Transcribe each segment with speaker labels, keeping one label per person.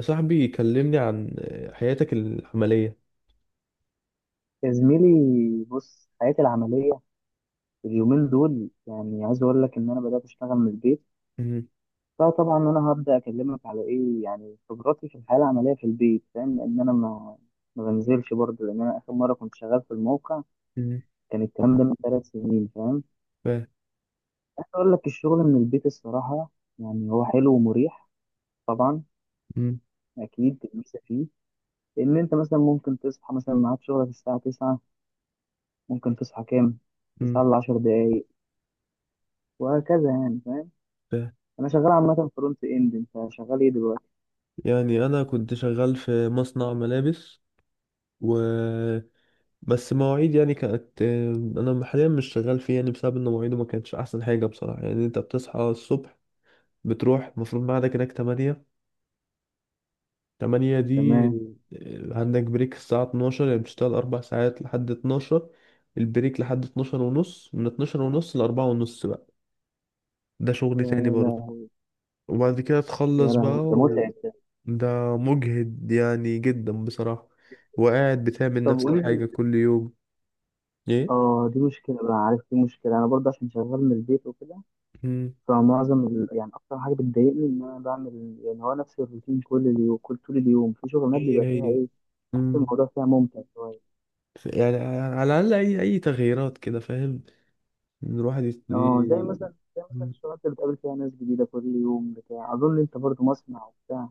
Speaker 1: صاحبي كلمني عن حياتك العملية.
Speaker 2: يا زميلي، بص. حياتي العملية اليومين دول، يعني عايز أقول لك إن أنا بدأت أشتغل من البيت.
Speaker 1: مم.
Speaker 2: فطبعا أنا هبدأ أكلمك على إيه، يعني خبراتي في الحياة العملية في البيت، فاهم؟ لأن أنا ما بنزلش برضه، لأن أنا آخر مرة كنت شغال في الموقع
Speaker 1: مم.
Speaker 2: كان الكلام ده من 3 سنين، فاهم؟
Speaker 1: ف...
Speaker 2: عايز أقول لك، الشغل من البيت الصراحة يعني هو حلو ومريح. طبعا
Speaker 1: مم.
Speaker 2: أكيد الميزة فيه إن أنت مثلا ممكن تصحى، مثلا ميعاد شغلك الساعة 9، ممكن تصحى كام؟
Speaker 1: مم.
Speaker 2: 9 ل 10 دقايق، وهكذا يعني.
Speaker 1: ف...
Speaker 2: انا شغال عامه فرونت اند، انت شغال ايه دلوقتي؟
Speaker 1: يعني أنا كنت شغال في مصنع ملابس و بس مواعيد يعني كانت. أنا حاليا مش شغال فيه يعني بسبب إن مواعيده ما كانتش أحسن حاجة بصراحة. يعني أنت بتصحى الصبح، بتروح، المفروض ميعادك هناك 8. 8 دي،
Speaker 2: تمام.
Speaker 1: عندك بريك الساعة 12، يعني بتشتغل 4 ساعات لحد 12. البريك لحد 12 ونص، من 12 ونص لأربعة ونص بقى. ده
Speaker 2: يا
Speaker 1: شغل تاني برضه.
Speaker 2: لا.
Speaker 1: وبعد كده
Speaker 2: يا
Speaker 1: تخلص بقى
Speaker 2: لهوي، ده متعب ده.
Speaker 1: ده مجهد يعني جدا بصراحة. وقاعد بتعمل
Speaker 2: طب
Speaker 1: نفس
Speaker 2: قول
Speaker 1: الحاجة
Speaker 2: لي.
Speaker 1: كل يوم. ايه.
Speaker 2: اه، دي مشكله بقى، عارف؟ دي مشكله انا برضه عشان شغال من البيت وكده.
Speaker 1: مم.
Speaker 2: فمعظم يعني اكتر حاجه بتضايقني ان انا بعمل، يعني هو نفس الروتين كل اليوم، كل طول اليوم. في شغلانات
Speaker 1: هي
Speaker 2: بيبقى فيها
Speaker 1: هي.
Speaker 2: ايه، بحس
Speaker 1: مم.
Speaker 2: الموضوع فيها ممتع شويه.
Speaker 1: يعني على الأقل أي تغييرات كده، فاهم، إن الواحد
Speaker 2: اه، زي مثلا زي مثلا
Speaker 1: مم.
Speaker 2: الشغلات اللي بتقابل فيها ناس جديده كل يوم، بتاع، اظن انت برضه مصنع وبتاع.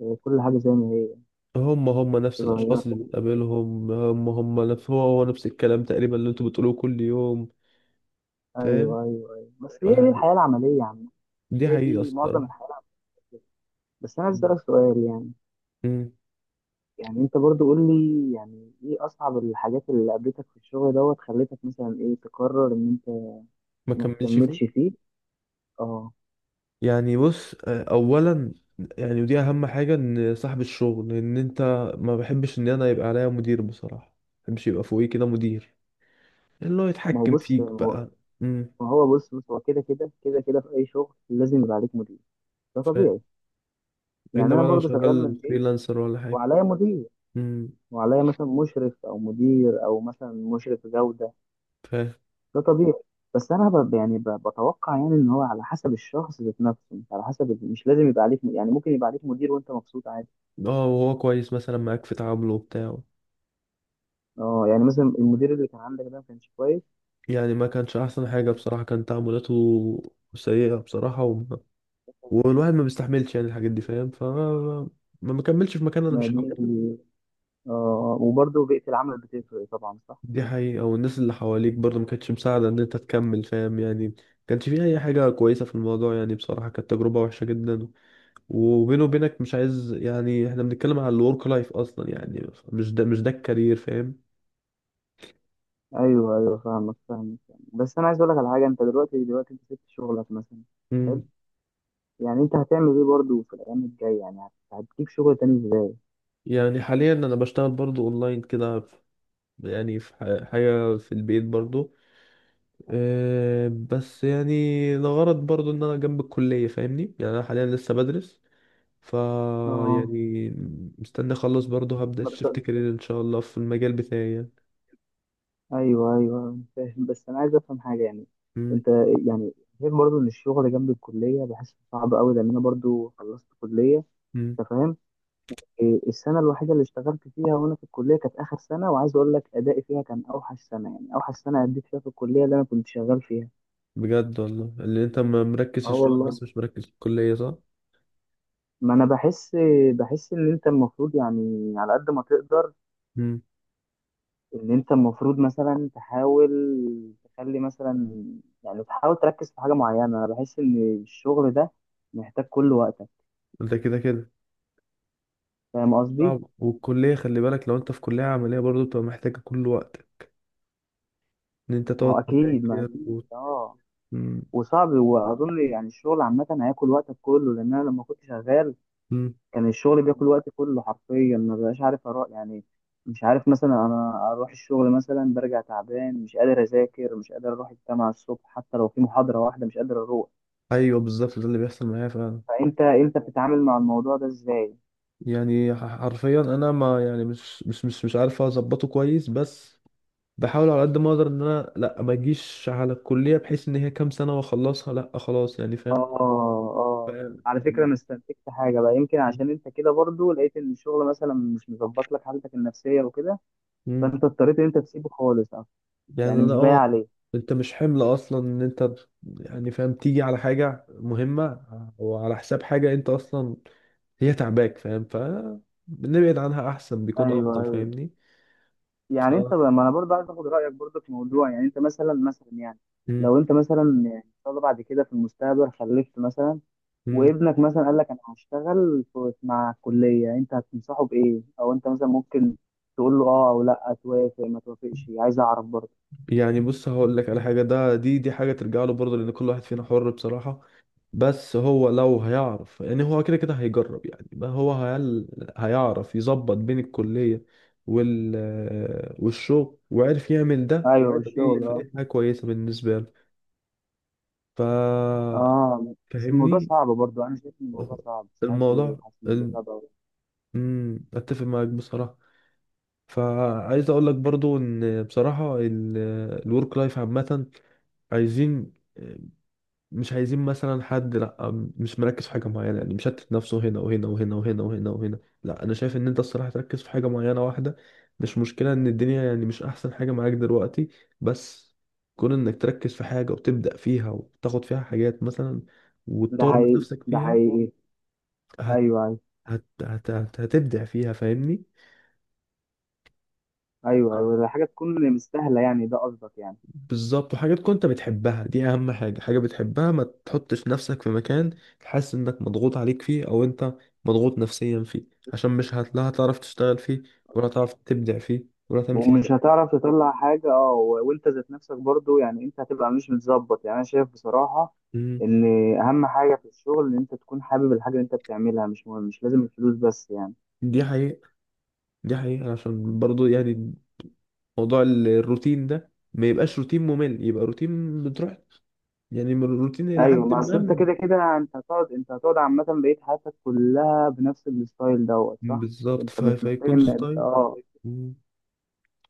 Speaker 2: آه، كل حاجه زي ما هي.
Speaker 1: هم هم نفس
Speaker 2: بتتغير.
Speaker 1: الأشخاص اللي بتقابلهم، هم هم نفس، هو هو نفس الكلام تقريبا اللي أنتوا بتقولوه كل يوم، فاهم.
Speaker 2: ايوه ايوه ايوه، بس هي دي
Speaker 1: فالحاجة-
Speaker 2: الحياه العمليه عامه.
Speaker 1: دي
Speaker 2: هي
Speaker 1: حقيقة
Speaker 2: دي معظم
Speaker 1: الصراحة.
Speaker 2: الحياة على فكرة. بس أنا عايز
Speaker 1: مم.
Speaker 2: أسألك سؤال. يعني
Speaker 1: مم.
Speaker 2: يعني أنت برضو قول لي، يعني إيه أصعب الحاجات اللي قابلتك في الشغل دوت خلتك مثلا إيه تقرر إن أنت
Speaker 1: ما
Speaker 2: ما
Speaker 1: كملش فيه.
Speaker 2: تكملش فيه؟ أه.
Speaker 1: يعني بص، اولا، يعني ودي اهم حاجه، ان صاحب الشغل، ان انت ما بحبش ان انا يبقى عليا مدير بصراحه، ما بحبش يبقى فوقي كده مدير، اللي هو
Speaker 2: ما هو
Speaker 1: يتحكم
Speaker 2: بص ما
Speaker 1: فيك
Speaker 2: هو
Speaker 1: بقى. امم
Speaker 2: ما هو بص بص هو كده كده، في أي شغل لازم يبقى عليك مدير، ده
Speaker 1: فاهم.
Speaker 2: طبيعي. يعني
Speaker 1: الا
Speaker 2: أنا
Speaker 1: بقى لو
Speaker 2: برضو شغال من
Speaker 1: شغال
Speaker 2: البيت
Speaker 1: فريلانسر ولا حاجه.
Speaker 2: وعليا مدير،
Speaker 1: امم
Speaker 2: وعليا مثلا مشرف أو مدير أو مثلا مشرف جودة.
Speaker 1: فاهم.
Speaker 2: ده طبيعي. بس انا يعني بتوقع، يعني ان هو على حسب الشخص ذات نفسه، مش على حسب، مش لازم يبقى عليك يعني ممكن يبقى عليك مدير وانت مبسوط عادي.
Speaker 1: اه وهو كويس مثلا معاك في تعامله بتاعه.
Speaker 2: اه، يعني مثلا المدير اللي كان عندك ده ما كانش كويس؟
Speaker 1: يعني ما كانش احسن حاجه بصراحه، كان تعاملاته سيئه بصراحه، والواحد ما بيستحملش يعني الحاجات دي، فاهم. ما مكملش في مكان، انا
Speaker 2: ما
Speaker 1: مش.
Speaker 2: دي، اه، وبرضه بيئة العمل بتفرق طبعا، صح.
Speaker 1: دي حقيقة، والناس اللي حواليك برضه ما كانتش مساعدة ان انت تكمل، فاهم. يعني ما كانش فيه اي حاجة كويسة في الموضوع، يعني بصراحة كانت تجربة وحشة جدا. وبيني وبينك، مش عايز يعني، احنا بنتكلم على الورك لايف اصلا، يعني مش ده الكارير، فاهم.
Speaker 2: ايوه ايوه، فاهمك فاهمك يعني. بس انا عايز اقول لك على حاجه. انت دلوقتي انت سبت شغلك مثلا؟ حلو.
Speaker 1: امم
Speaker 2: يعني انت هتعمل ايه برضه في الايام الجايه، يعني هتجيب شغل تاني ازاي؟
Speaker 1: يعني حاليا انا بشتغل برضه اونلاين كده يعني في حاجة في البيت برضه. أه بس يعني لغرض برضه ان انا جنب الكلية، فاهمني، يعني انا حاليا لسه بدرس. فا
Speaker 2: اه،
Speaker 1: يعني مستني اخلص، برضه هبدأ
Speaker 2: ما بت-
Speaker 1: شيفت كارير ان شاء الله في المجال بتاعي يعني.
Speaker 2: ايوه ايوه أنا فاهم. بس انا عايز افهم حاجه يعني.
Speaker 1: مم.
Speaker 2: انت، يعني، غير برضو ان الشغل جنب الكليه بحسه صعب قوي لان انا برضو خلصت كليه،
Speaker 1: مم.
Speaker 2: انت فاهم؟ إيه، السنه الوحيده اللي اشتغلت فيها وانا في الكليه كانت اخر سنه، وعايز اقول لك ادائي فيها كان اوحش سنه، يعني اوحش سنه اديت فيها في الكليه اللي انا كنت شغال فيها.
Speaker 1: بجد والله، اللي انت مركز في
Speaker 2: اه
Speaker 1: الشغل
Speaker 2: والله.
Speaker 1: بس مش مركز في الكلية، صح؟
Speaker 2: ما انا بحس ان انت المفروض يعني على قد ما تقدر،
Speaker 1: مم.
Speaker 2: ان انت المفروض مثلا تحاول تخلي مثلا، يعني تحاول تركز في حاجه معينه. انا بحس ان الشغل ده محتاج كل وقتك،
Speaker 1: ده كده كده
Speaker 2: فاهم قصدي؟
Speaker 1: صعب، والكلية خلي بالك، لو انت في كلية عملية برضه بتبقى محتاجة كل وقت ان انت
Speaker 2: ما هو
Speaker 1: تقعد
Speaker 2: اكيد، ما
Speaker 1: تذاكر
Speaker 2: اكيد، اه.
Speaker 1: مم.
Speaker 2: وصعب، واظن يعني الشغل عامه هياكل وقتك كله، لان انا لما كنت شغال
Speaker 1: مم.
Speaker 2: كان الشغل بياكل وقتي كله حرفيا، ما بقاش عارف اروح يعني. مش عارف مثلا انا اروح الشغل، مثلا برجع تعبان مش قادر اذاكر، مش قادر اروح الجامعه الصبح حتى لو في محاضره واحده، مش قادر اروح.
Speaker 1: ايوه بالظبط، ده اللي بيحصل معايا فعلا.
Speaker 2: فانت بتتعامل مع الموضوع ده ازاي؟
Speaker 1: يعني حرفيا انا، ما يعني مش عارف اظبطه كويس. بس بحاول على قد ما اقدر، ان انا لا، ما اجيش على الكليه، بحيث ان هي كام سنه واخلصها، لا خلاص، يعني
Speaker 2: اه
Speaker 1: فاهم.
Speaker 2: اه.
Speaker 1: فاهم.
Speaker 2: على فكرة انا استنتجت حاجة بقى، يمكن عشان انت كده برضو لقيت ان الشغل مثلا مش مظبط لك حالتك النفسية وكده،
Speaker 1: مم.
Speaker 2: فانت اضطريت ان انت تسيبه خالص أصلاً،
Speaker 1: يعني
Speaker 2: يعني
Speaker 1: انا
Speaker 2: مش بايع عليه.
Speaker 1: انت مش حمل اصلا، ان انت يعني فاهم، تيجي على حاجه مهمه وعلى حساب حاجه انت اصلا هي تعباك، فاهم، فنبعد عنها احسن، بيكون
Speaker 2: ايوه
Speaker 1: افضل،
Speaker 2: ايوه.
Speaker 1: فاهمني. ف
Speaker 2: يعني انت بقى، ما انا برضو عايز اخد رأيك برضو في موضوع. يعني انت مثلا يعني،
Speaker 1: مم.
Speaker 2: لو انت مثلا، يعني ان شاء الله بعد كده في المستقبل خلفت مثلا،
Speaker 1: مم.
Speaker 2: وابنك مثلا قال لك انا هشتغل مع الكلية، انت هتنصحه بايه، او انت مثلا ممكن تقول له اه او لا، توافق ما توافقش؟ عايز اعرف برضو.
Speaker 1: يعني بص هقول لك على حاجه، ده دي دي حاجه ترجع له برضه، لان كل واحد فينا حر بصراحه. بس هو لو هيعرف، يعني هو كده كده هيجرب، يعني ما هو هيعرف يظبط بين الكلية وال... والشغل وعرف يعمل ده.
Speaker 2: ايوه
Speaker 1: فدي
Speaker 2: الشغل، اه
Speaker 1: فدي حاجة كويسة بالنسبة له. ف
Speaker 2: اه. بس الموضوع
Speaker 1: فاهمني.
Speaker 2: صعب برضو، انا شايف ان الموضوع صعب، مش عارف ليه،
Speaker 1: الموضوع
Speaker 2: حاسس ان الموضوع
Speaker 1: ال...
Speaker 2: صعب أوي.
Speaker 1: اتفق معاك بصراحة. فعايز اقول لك برضو، ان بصراحة الورك لايف عامة، عايزين مش عايزين مثلا حد. لا، مش مركز في حاجة معينة، يعني مشتت نفسه هنا وهنا وهنا وهنا وهنا وهنا. لا، أنا شايف إن أنت الصراحة تركز في حاجة معينة واحدة. مش مشكلة إن الدنيا يعني مش أحسن حاجة معاك دلوقتي، بس كون إنك تركز في حاجة وتبدأ فيها وتاخد فيها حاجات مثلا
Speaker 2: ده
Speaker 1: وتطور من
Speaker 2: حقيقي،
Speaker 1: نفسك
Speaker 2: ده
Speaker 1: فيها،
Speaker 2: حقيقي.
Speaker 1: هت...
Speaker 2: ايوه ايوه
Speaker 1: هتبدع فيها، فاهمني؟
Speaker 2: ايوه ايوه، ده حاجه تكون مستاهله يعني، ده قصدك يعني؟
Speaker 1: بالظبط. وحاجات كنت بتحبها، دي اهم حاجة، حاجة بتحبها. ما تحطش نفسك في مكان حاسس انك مضغوط عليك فيه او انت مضغوط نفسيا فيه، عشان مش هت- لا هتعرف تشتغل فيه، ولا هتعرف تبدع فيه ولا تعمل فيه حاجة.
Speaker 2: ومش هتعرف تطلع حاجه، اه، وانت ذات نفسك برضو، يعني انت هتبقى مش متظبط. يعني انا شايف بصراحه
Speaker 1: مم.
Speaker 2: ان اهم حاجه في الشغل ان انت تكون حابب الحاجه اللي انت بتعملها، مش مهم مش لازم الفلوس بس يعني.
Speaker 1: دي حقيقة، دي حقيقة، عشان برضو يعني موضوع الروتين ده ما يبقاش روتين ممل، يبقى روتين بتروح يعني من الروتين الى
Speaker 2: ايوه.
Speaker 1: حد
Speaker 2: ما
Speaker 1: ما
Speaker 2: اصل انت كده كده، انت هتقعد عامه بقيت حياتك كلها بنفس الستايل دوت، صح؟
Speaker 1: بالظبط.
Speaker 2: انت مش محتاج
Speaker 1: فيكون
Speaker 2: ان
Speaker 1: ستايل. مم.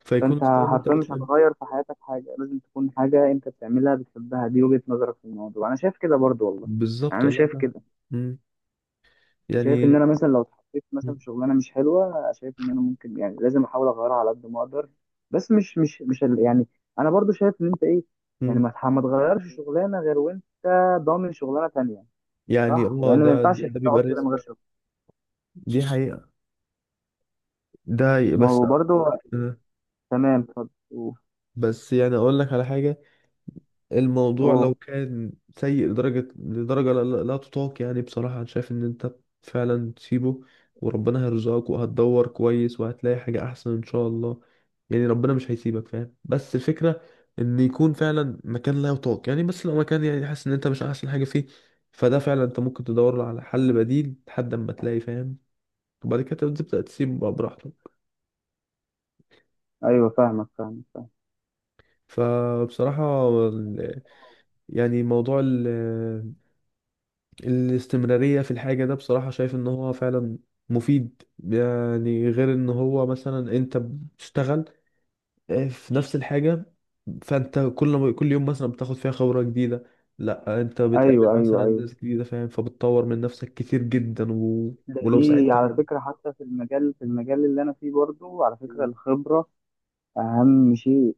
Speaker 1: فيكون
Speaker 2: فانت
Speaker 1: ستايل انت
Speaker 2: حرفيا مش
Speaker 1: بتحبه.
Speaker 2: هتغير في حياتك حاجه، لازم تكون حاجه انت بتعملها بتحبها. دي وجهه نظرك في الموضوع، انا شايف كده برضو والله. يعني
Speaker 1: بالظبط
Speaker 2: انا
Speaker 1: والله
Speaker 2: شايف
Speaker 1: فعلا.
Speaker 2: كده،
Speaker 1: مم.
Speaker 2: شايف ان
Speaker 1: يعني.
Speaker 2: انا مثلا لو اتحطيت مثلا
Speaker 1: مم.
Speaker 2: في شغلانه مش حلوه، شايف ان انا ممكن، يعني لازم احاول اغيرها على قد ما اقدر. بس مش يعني انا برضو شايف ان انت ايه، يعني
Speaker 1: مم.
Speaker 2: ما تغيرش شغلانه غير وانت ضامن شغلانه تانية.
Speaker 1: يعني
Speaker 2: صح، لان ما
Speaker 1: ده
Speaker 2: ينفعش
Speaker 1: ده
Speaker 2: تقعد
Speaker 1: بيبقى
Speaker 2: كده
Speaker 1: رزق.
Speaker 2: من غير شغل.
Speaker 1: دي حقيقة. ده حقيقة.
Speaker 2: ما
Speaker 1: بس.
Speaker 2: هو برضو،
Speaker 1: آه.
Speaker 2: تمام، اتفضل. اوه.
Speaker 1: بس يعني اقول لك على حاجة، الموضوع لو
Speaker 2: أوه.
Speaker 1: كان سيء لدرجة لدرجة لا، لا لا تطاق، يعني بصراحة انا شايف ان انت فعلا تسيبه، وربنا هيرزقك وهتدور كويس وهتلاقي حاجة احسن ان شاء الله. يعني ربنا مش هيسيبك فاهم، بس الفكرة ان يكون فعلا مكان لا يطاق يعني. بس لو مكان يعني حاسس ان انت مش احسن حاجة فيه، فده فعلا انت ممكن تدور على حل بديل لحد اما تلاقي، فاهم، وبعد كده تبدأ تسيب بقى براحتك.
Speaker 2: ايوه فاهمك فاهمك فاهم.
Speaker 1: فبصراحة يعني موضوع الاستمرارية في الحاجة ده، بصراحة شايف ان هو فعلا مفيد، يعني غير ان هو مثلا انت بتشتغل في نفس الحاجة، فانت كل ما كل يوم مثلا بتاخد فيها خبرة جديدة، لا انت
Speaker 2: ايوه
Speaker 1: بتقابل
Speaker 2: ايوه
Speaker 1: مثلا
Speaker 2: ايوه.
Speaker 1: ناس جديدة، فاهم، فبتطور من نفسك كتير جدا
Speaker 2: ده
Speaker 1: ولو
Speaker 2: دي
Speaker 1: ساعدت
Speaker 2: على
Speaker 1: حد،
Speaker 2: فكره، حتى في المجال اللي انا فيه برضو، على فكره الخبره اهم شيء.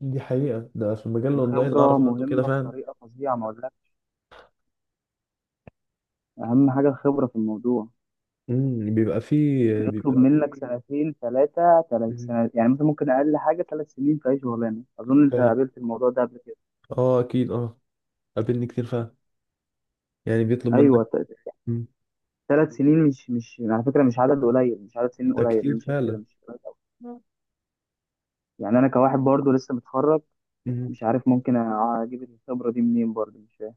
Speaker 1: دي حقيقة. ده في المجال الاونلاين
Speaker 2: الخبره
Speaker 1: اعرف عنه كده
Speaker 2: مهمه
Speaker 1: فعلا.
Speaker 2: بطريقه فظيعه، ما اقولكش، اهم حاجه الخبره في الموضوع.
Speaker 1: بيبقى فيه
Speaker 2: يطلب منك سنتين، ثلاثه ثلاث
Speaker 1: مم.
Speaker 2: سنة يعني، مثلا ممكن اقل حاجه 3 سنين في اي شغلانه. اظن انت
Speaker 1: فاهم.
Speaker 2: قابلت الموضوع ده قبل كده.
Speaker 1: اه اكيد اه. قابلني كتير فعلا، يعني بيطلب منك.
Speaker 2: ايوه.
Speaker 1: مم.
Speaker 2: 3 سنين مش على فكره مش عدد قليل، مش عدد سنين
Speaker 1: ده
Speaker 2: قليل،
Speaker 1: كتير
Speaker 2: انا شايف كده
Speaker 1: فعلا.
Speaker 2: مش قليل أوي. يعني انا كواحد برضو لسه متخرج،
Speaker 1: مم.
Speaker 2: مش عارف ممكن اجيب الخبره دي منين برضو، مش فاهم.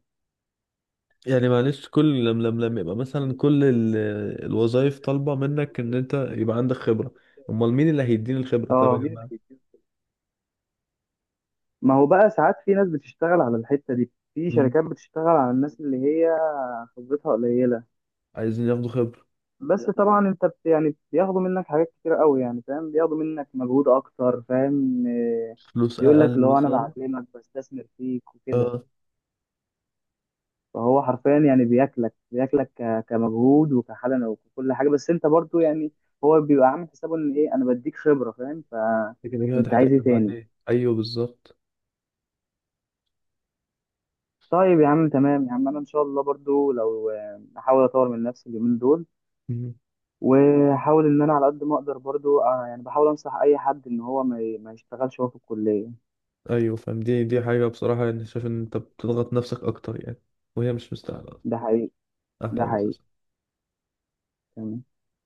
Speaker 1: يعني معلش، كل لم يبقى مثلا كل الوظائف طالبة منك ان انت يبقى عندك خبرة. امال مين اللي هيديني الخبرة طيب يا
Speaker 2: اه.
Speaker 1: جماعة.
Speaker 2: ما هو بقى، ساعات في ناس بتشتغل على الحته دي، في
Speaker 1: مم.
Speaker 2: شركات بتشتغل على الناس اللي هي خبرتها قليله.
Speaker 1: عايزين ياخدوا خبرة،
Speaker 2: بس طبعا انت يعني بياخدوا منك حاجات كتير قوي، يعني فاهم، بياخدوا منك مجهود اكتر، فاهم إيه،
Speaker 1: فلوس
Speaker 2: بيقول لك
Speaker 1: اقل
Speaker 2: اللي هو انا
Speaker 1: مثلا.
Speaker 2: بعلمك، بستثمر فيك وكده.
Speaker 1: اه
Speaker 2: فهو حرفيا يعني بياكلك كمجهود وكحاله وكل حاجه، بس انت برضو يعني هو بيبقى عامل حسابه ان ايه، انا بديك خبره، فاهم؟
Speaker 1: لكن هي
Speaker 2: فانت عايز
Speaker 1: هتحتاجها
Speaker 2: ايه تاني؟
Speaker 1: بعدين. ايوه بالظبط.
Speaker 2: طيب يا عم، تمام يا عم. انا ان شاء الله برضو لو احاول اطور من نفسي اليومين دول،
Speaker 1: مم.
Speaker 2: واحاول ان انا على قد ما اقدر برضو، يعني بحاول انصح اي حد ان هو ما يشتغلش وهو في الكليه.
Speaker 1: ايوه فاهم، دي حاجة بصراحة، يعني شايف ان انت بتضغط نفسك اكتر يعني وهي مش مستاهلة
Speaker 2: ده
Speaker 1: اصلا.
Speaker 2: حقيقي، ده
Speaker 1: احلى
Speaker 2: حقيقي.
Speaker 1: اساسا
Speaker 2: تمام